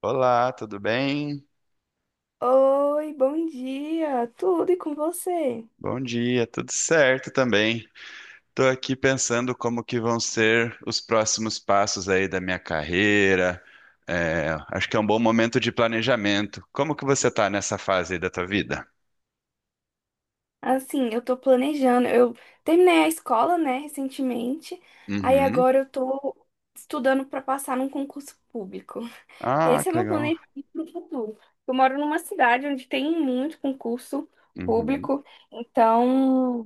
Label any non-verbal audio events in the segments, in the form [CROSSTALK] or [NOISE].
Olá, tudo bem? Oi, bom dia. Tudo e com você? Bom dia, tudo certo também. Estou aqui pensando como que vão ser os próximos passos aí da minha carreira. É, acho que é um bom momento de planejamento. Como que você está nessa fase aí da tua vida? Assim, eu tô planejando. Eu Terminei a escola, né, recentemente. Aí Uhum. agora eu tô estudando pra passar num concurso público. Ah, Esse é que meu legal. planejamento pro futuro. Eu moro numa cidade onde tem muito concurso Uhum. público, então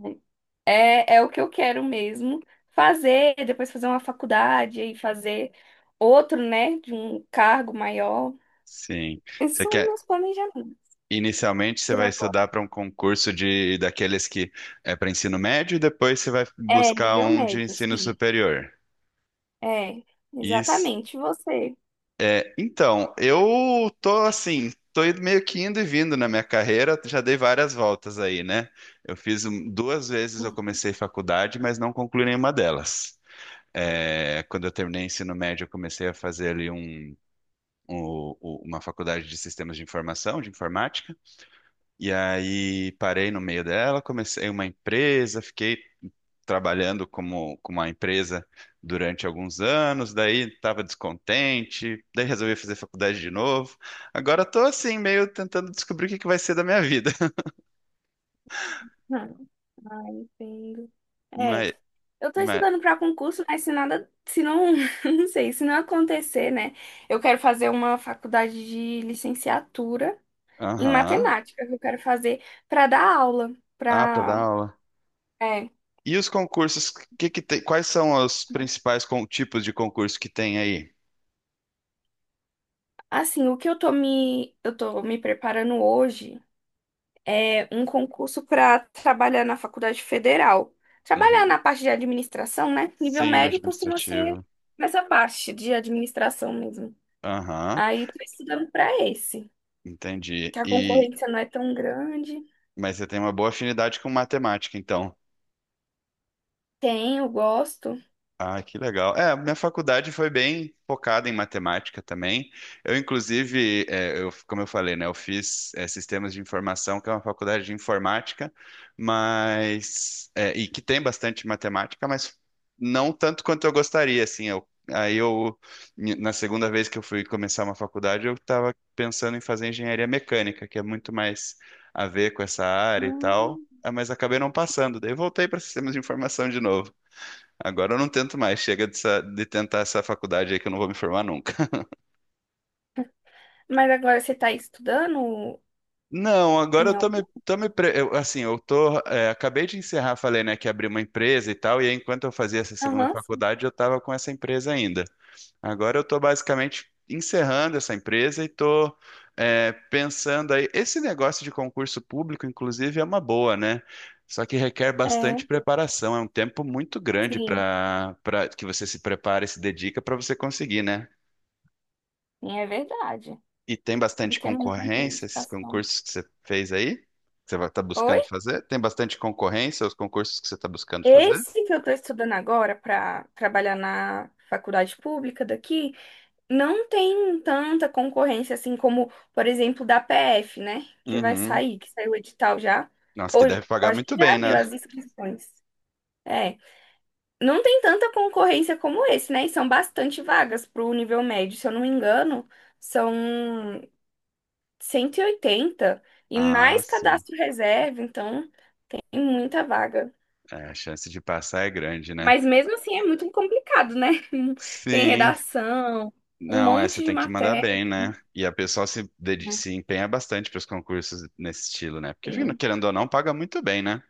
é o que eu quero mesmo fazer, depois fazer uma faculdade e fazer outro, né, de um cargo maior. Sim. Esses Você são os quer, meus planejamentos inicialmente você por vai agora. estudar para um concurso de daqueles que é para ensino médio e depois você vai É, buscar nível um de médio, ensino sim. superior. É, Isso. exatamente você. É, então, eu tô assim, meio que indo e vindo na minha carreira, já dei várias voltas aí, né? Duas vezes eu [LAUGHS] comecei faculdade, mas não concluí nenhuma delas. É, quando eu terminei ensino médio, eu comecei a fazer ali uma faculdade de sistemas de informação, de informática, e aí parei no meio dela, comecei uma empresa, fiquei trabalhando com uma empresa durante alguns anos, daí estava descontente, daí resolvi fazer faculdade de novo. Agora estou assim, meio tentando descobrir o que que vai ser da minha vida. [LAUGHS] Ah, ah, entendo. É, Mas, eu tô mas, estudando para concurso, mas se não, [LAUGHS] não sei, se não acontecer, né? Eu quero fazer uma faculdade de licenciatura em aham. matemática, que eu quero fazer para dar aula, Ah, para dar para, aula. é, E os concursos, que tem, quais são os tipos de concurso que tem aí? assim, o que eu tô me preparando hoje. É, um concurso para trabalhar na faculdade federal. Trabalhar Uhum. na parte de administração, né? Nível Sim, no médio costuma ser administrativo. nessa parte de administração mesmo. Aham, Aí tô estudando para esse, entendi. que a E, concorrência não é tão grande. mas você tem uma boa afinidade com matemática, então. Tenho, gosto. Ah, que legal. É, minha faculdade foi bem focada em matemática também. Eu, como eu falei, né, eu fiz sistemas de informação, que é uma faculdade de informática, e que tem bastante matemática, mas não tanto quanto eu gostaria, assim. Na segunda vez que eu fui começar uma faculdade, eu estava pensando em fazer engenharia mecânica, que é muito mais a ver com essa área e tal. Hum. Ah, mas acabei não passando, daí voltei para sistemas de informação de novo. Agora eu não tento mais, chega de tentar essa faculdade aí que eu não vou me formar nunca. Mas agora você está estudando Não, agora em eu algum? Tô me pre- eu, assim, eu tô, é, acabei de encerrar, falei, né, que abri uma empresa e tal, e aí, enquanto eu fazia essa segunda Aham, sim. faculdade, eu tava com essa empresa ainda. Agora eu tô basicamente encerrando essa empresa e tô, é, pensando aí, esse negócio de concurso público, inclusive, é uma boa, né? Só que requer É, bastante preparação, é um tempo muito grande sim, para que você se prepare, se dedica para você conseguir, né? sim, é verdade. E tem Não bastante tem muita concorrência, esses indicação. concursos que você fez aí? Que você vai estar Oi? buscando fazer? Tem bastante concorrência os concursos que você está buscando fazer? Esse que eu estou estudando agora para trabalhar na faculdade pública daqui não tem tanta concorrência assim como, por exemplo, da PF, né? Que vai Uhum. sair, que saiu o edital já. Nossa, que Ou eu deve pagar acho muito que já bem, né? abriu as inscrições. É, não tem tanta concorrência como esse, né? E são bastante vagas para o nível médio, se eu não me engano, são 180 e oitenta e Ah, mais sim. cadastro reserva, então tem muita vaga. É, a chance de passar é grande, né? Mas mesmo assim é muito complicado, né? [LAUGHS] Tem Sim. redação, um Não, é, você monte de tem que mandar matéria. bem, né? E a pessoa se empenha bastante para os concursos nesse estilo, né? Porque, enfim, Sim. querendo ou não, paga muito bem, né?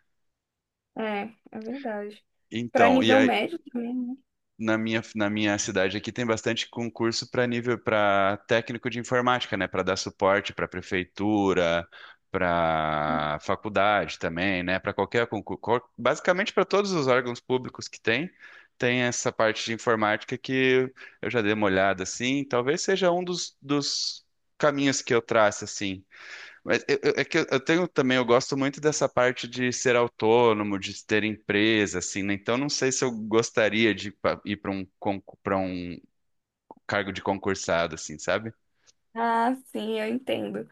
É, é verdade. Para Então, e nível aí, médio também, né? Na minha cidade aqui tem bastante concurso para técnico de informática, né? Para dar suporte para prefeitura, para faculdade também, né? Para qualquer concurso, basicamente para todos os órgãos públicos que tem, tem essa parte de informática que eu já dei uma olhada assim. Talvez seja um dos caminhos que eu traço assim. Mas é que eu tenho também, eu gosto muito dessa parte de ser autônomo, de ter empresa, assim, né? Então não sei se eu gostaria de ir para para um cargo de concursado, assim, sabe? Ah, sim, eu entendo.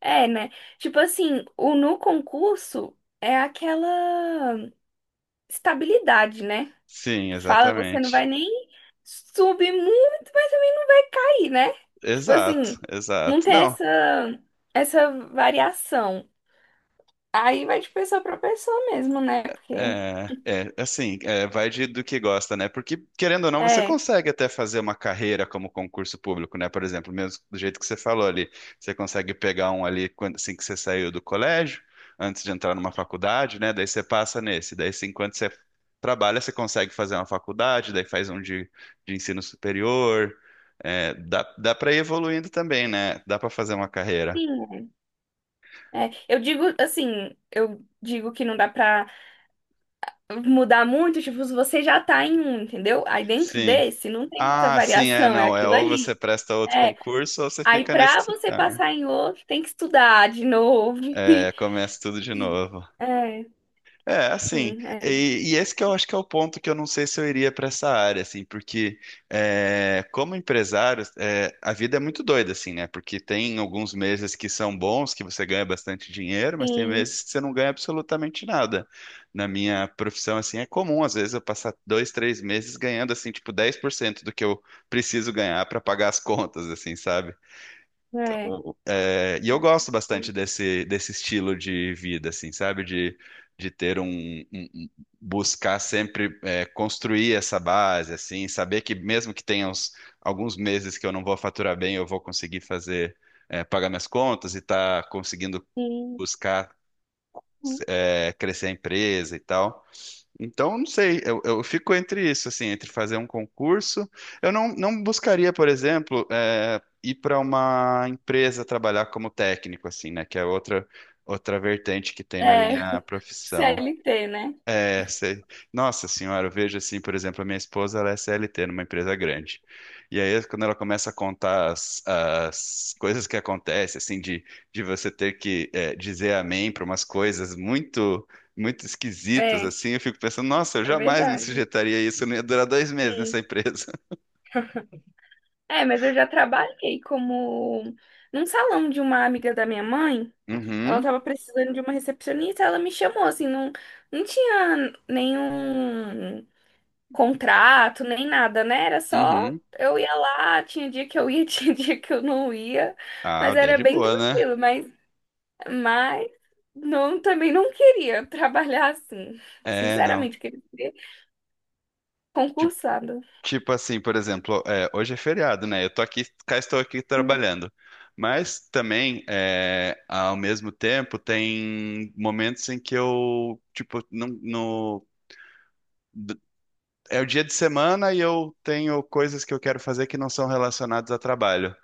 É, né? Tipo assim, o no concurso é aquela estabilidade, né? Sim, Que fala, você não vai exatamente. nem subir muito, mas também vai ir, né? Tipo Exato, assim, não exato. tem Não, essa variação. Aí vai de pessoa para pessoa mesmo, né? Porque é, é, é assim, é, vai de, do que gosta, né? Porque, querendo ou não, você é, consegue até fazer uma carreira como concurso público, né? Por exemplo, mesmo do jeito que você falou ali, você consegue pegar um assim que você saiu do colégio, antes de entrar numa faculdade, né? Daí você passa nesse, daí assim, enquanto você trabalha, você consegue fazer uma faculdade, daí faz um de ensino superior. É, dá para ir evoluindo também, né? Dá para fazer uma carreira. sim, é. Eu digo assim, eu digo que não dá para mudar muito, tipo, você já tá em um, entendeu? Aí dentro Sim. desse não tem muita Ah, sim, é, variação, é não. É aquilo ou você ali. presta outro É, concurso ou você aí fica nesse que pra você você tá, né? passar em outro, tem que estudar de novo. É, começa tudo de [LAUGHS] Sim. novo. É, É, assim, sim, é, e esse que eu acho que é o ponto que eu não sei se eu iria para essa área, assim, porque é, como empresário, é, a vida é muito doida, assim, né? Porque tem alguns meses que são bons, que você ganha bastante dinheiro, mas tem sim, meses que você não ganha absolutamente nada. Na minha profissão, assim, é comum, às vezes, eu passar 2, 3 meses ganhando, assim, tipo, 10% do que eu preciso ganhar para pagar as contas, assim, sabe? é, O- É, e eu gosto sim, bastante desse estilo de vida, assim, sabe? De ter buscar sempre é, construir essa base, assim, saber que mesmo que alguns meses que eu não vou faturar bem, eu vou conseguir fazer, é, pagar minhas contas e tá conseguindo sim. buscar é, crescer a empresa e tal. Então, não sei, eu fico entre isso, assim, entre fazer um concurso. Eu não, Não buscaria, por exemplo, eh, ir para uma empresa trabalhar como técnico, assim, né? Que é outra vertente que tem na É, minha [LAUGHS] profissão. CLT, né? É, sei. Nossa senhora, eu vejo assim, por exemplo, a minha esposa, ela é CLT numa empresa grande. E aí, quando ela começa a contar as coisas que acontecem, assim, de, de você ter que dizer amém para umas coisas muito esquisitas, É, assim, eu fico pensando, nossa, eu é jamais me verdade. sujeitaria a isso, eu não ia durar 2 meses nessa Sim. empresa. [LAUGHS] É, mas eu já trabalhei como num salão de uma amiga da minha mãe. Ela Uhum, tava precisando de uma recepcionista, ela me chamou, assim, não, não tinha nenhum contrato, nem nada, né? Era só uhum. eu ia lá, tinha dia que eu ia, [LAUGHS] tinha dia que eu não ia, Ah, mas daí é era de bem boa, né? tranquilo, mas não, também não queria trabalhar assim. É, não. Sinceramente, queria ser Tipo, concursada. Tipo assim, por exemplo, é, hoje é feriado, né? Eu tô aqui, cá estou aqui Hum. trabalhando. Mas também, é, ao mesmo tempo, tem momentos em que eu, tipo, não, no, d- é o dia de semana e eu tenho coisas que eu quero fazer que não são relacionadas a trabalho.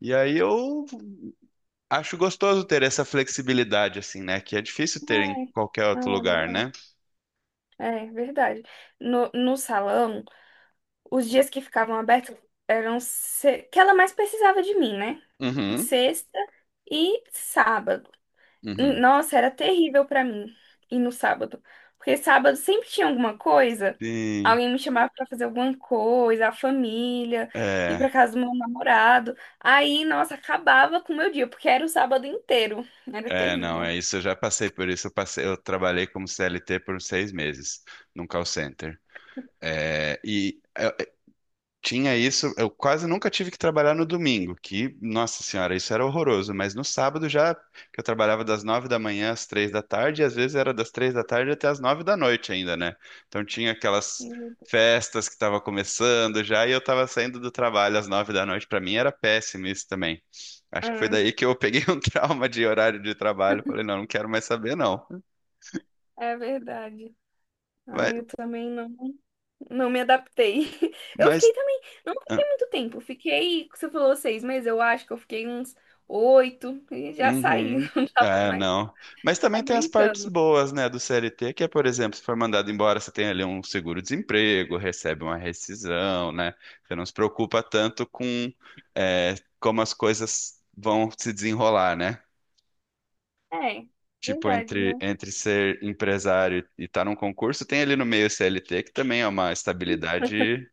E aí eu acho gostoso ter essa flexibilidade, assim, né? Que é difícil ter em É, qualquer outro ah, lugar, legal. né? É, verdade. No salão, os dias que ficavam abertos eram se... que ela mais precisava de mim, né? Uhum, Sexta e sábado. uhum. Nossa, era terrível pra mim ir no sábado, porque sábado sempre tinha alguma coisa, Sim, alguém me chamava pra fazer alguma coisa, a família, ir é. pra casa do meu namorado. Aí, nossa, acabava com o meu dia, porque era o sábado inteiro. Era É, não, terrível. é isso. Eu já passei por isso. Eu trabalhei como CLT por 6 meses num call center. É, e tinha isso, eu quase nunca tive que trabalhar no domingo, que, nossa senhora, isso era horroroso, mas no sábado já, que eu trabalhava das 9 da manhã às 3 da tarde, e às vezes era das 3 da tarde até às 9 da noite ainda, né? Então tinha aquelas Meu Deus. festas que estavam começando já, e eu estava saindo do trabalho às 9 da noite, para mim era péssimo isso também. Acho que foi Ah, daí que eu peguei [LAUGHS] um trauma de horário de trabalho, falei, não, não quero mais saber não. é verdade. Ah, Mas, eu também não. Não me adaptei. [LAUGHS] Eu fiquei mas também, não fiquei muito tempo. Fiquei, você falou 6 meses, eu acho que eu fiquei uns oito e já saí, Uhum. [LAUGHS] não tava É, mais não. Mas também tem as partes aguentando. boas, né, do CLT, que é, por exemplo, se for mandado embora, você tem ali um seguro-desemprego, recebe uma rescisão, né? Você não se preocupa tanto é, como as coisas vão se desenrolar, né? É, Tipo, verdade, né? entre ser empresário e estar num concurso, tem ali no meio o CLT, que também é uma estabilidade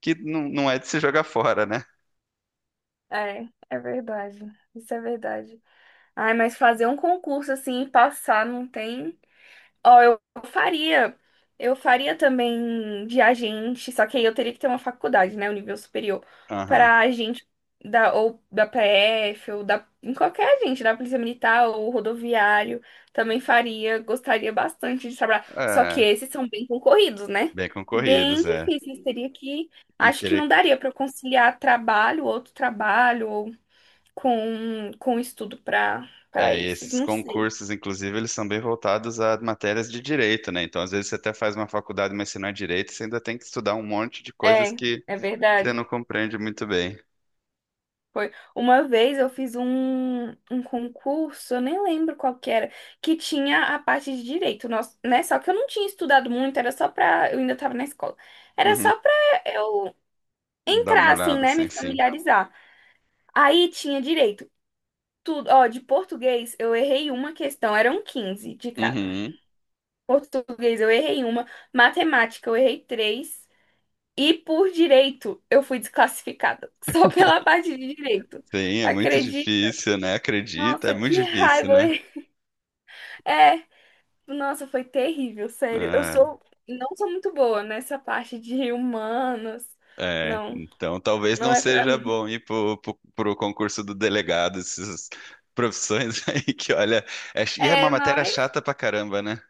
que não é de se jogar fora, né? É, é verdade. Isso é verdade. Ai, mas fazer um concurso assim e passar não tem. Ó, eu faria. Eu faria também de agente, só que aí eu teria que ter uma faculdade, né? O nível superior. Aham. Pra agente da, ou da PF, ou da, em qualquer agente, da Polícia Militar ou rodoviário. Também faria, gostaria bastante de trabalhar. Só que É, esses são bem concorridos, né? bem Bem concorridos, é. difíceis. Teria que. E Acho que não teria daria pra eu conciliar trabalho, outro trabalho, ou com estudo pra, pra é, e esses. esses Não sei. concursos, inclusive, eles são bem voltados a matérias de direito, né? Então, às vezes, você até faz uma faculdade, mas se não é direito, você ainda tem que estudar um monte de coisas É, que é você verdade. não compreende muito bem. Foi. Uma vez eu fiz um concurso, eu nem lembro qual que era, que tinha a parte de direito, nós, né? Só que eu não tinha estudado muito, era só pra. Eu ainda tava na escola. Era Uhum. só pra eu Dá uma entrar, assim, olhada, né? Me sim, sim. familiarizar. Aí tinha direito. Tudo, ó, de português eu errei uma questão, eram 15 de cada. Uhum. Português eu errei uma, matemática eu errei três, e por direito eu fui desclassificada, [LAUGHS] só pela parte de direito. Sim, é muito difícil, né? Acredita, é Nossa, muito que difícil, raiva! né? É, nossa, foi terrível, sério. Eu Ah, sou, não sou muito boa nessa parte de humanos. é, Não, então talvez não não é pra seja mim. bom ir pro concurso do delegado, essas profissões [LAUGHS] aí que, olha, e é uma É, matéria mas chata pra caramba, né?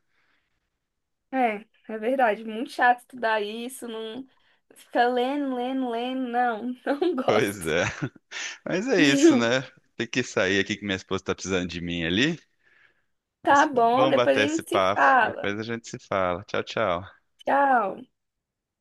é, é verdade, muito chato estudar isso, não fica lendo, lendo, lendo, não, não [LAUGHS] Pois gosto. é. Mas é isso, né? [LAUGHS] Tem que sair aqui que minha esposa tá precisando de mim ali. Mas Tá foi bom, bom depois a bater esse gente se papo. fala. Depois a gente se fala. Tchau, tchau. Tchau.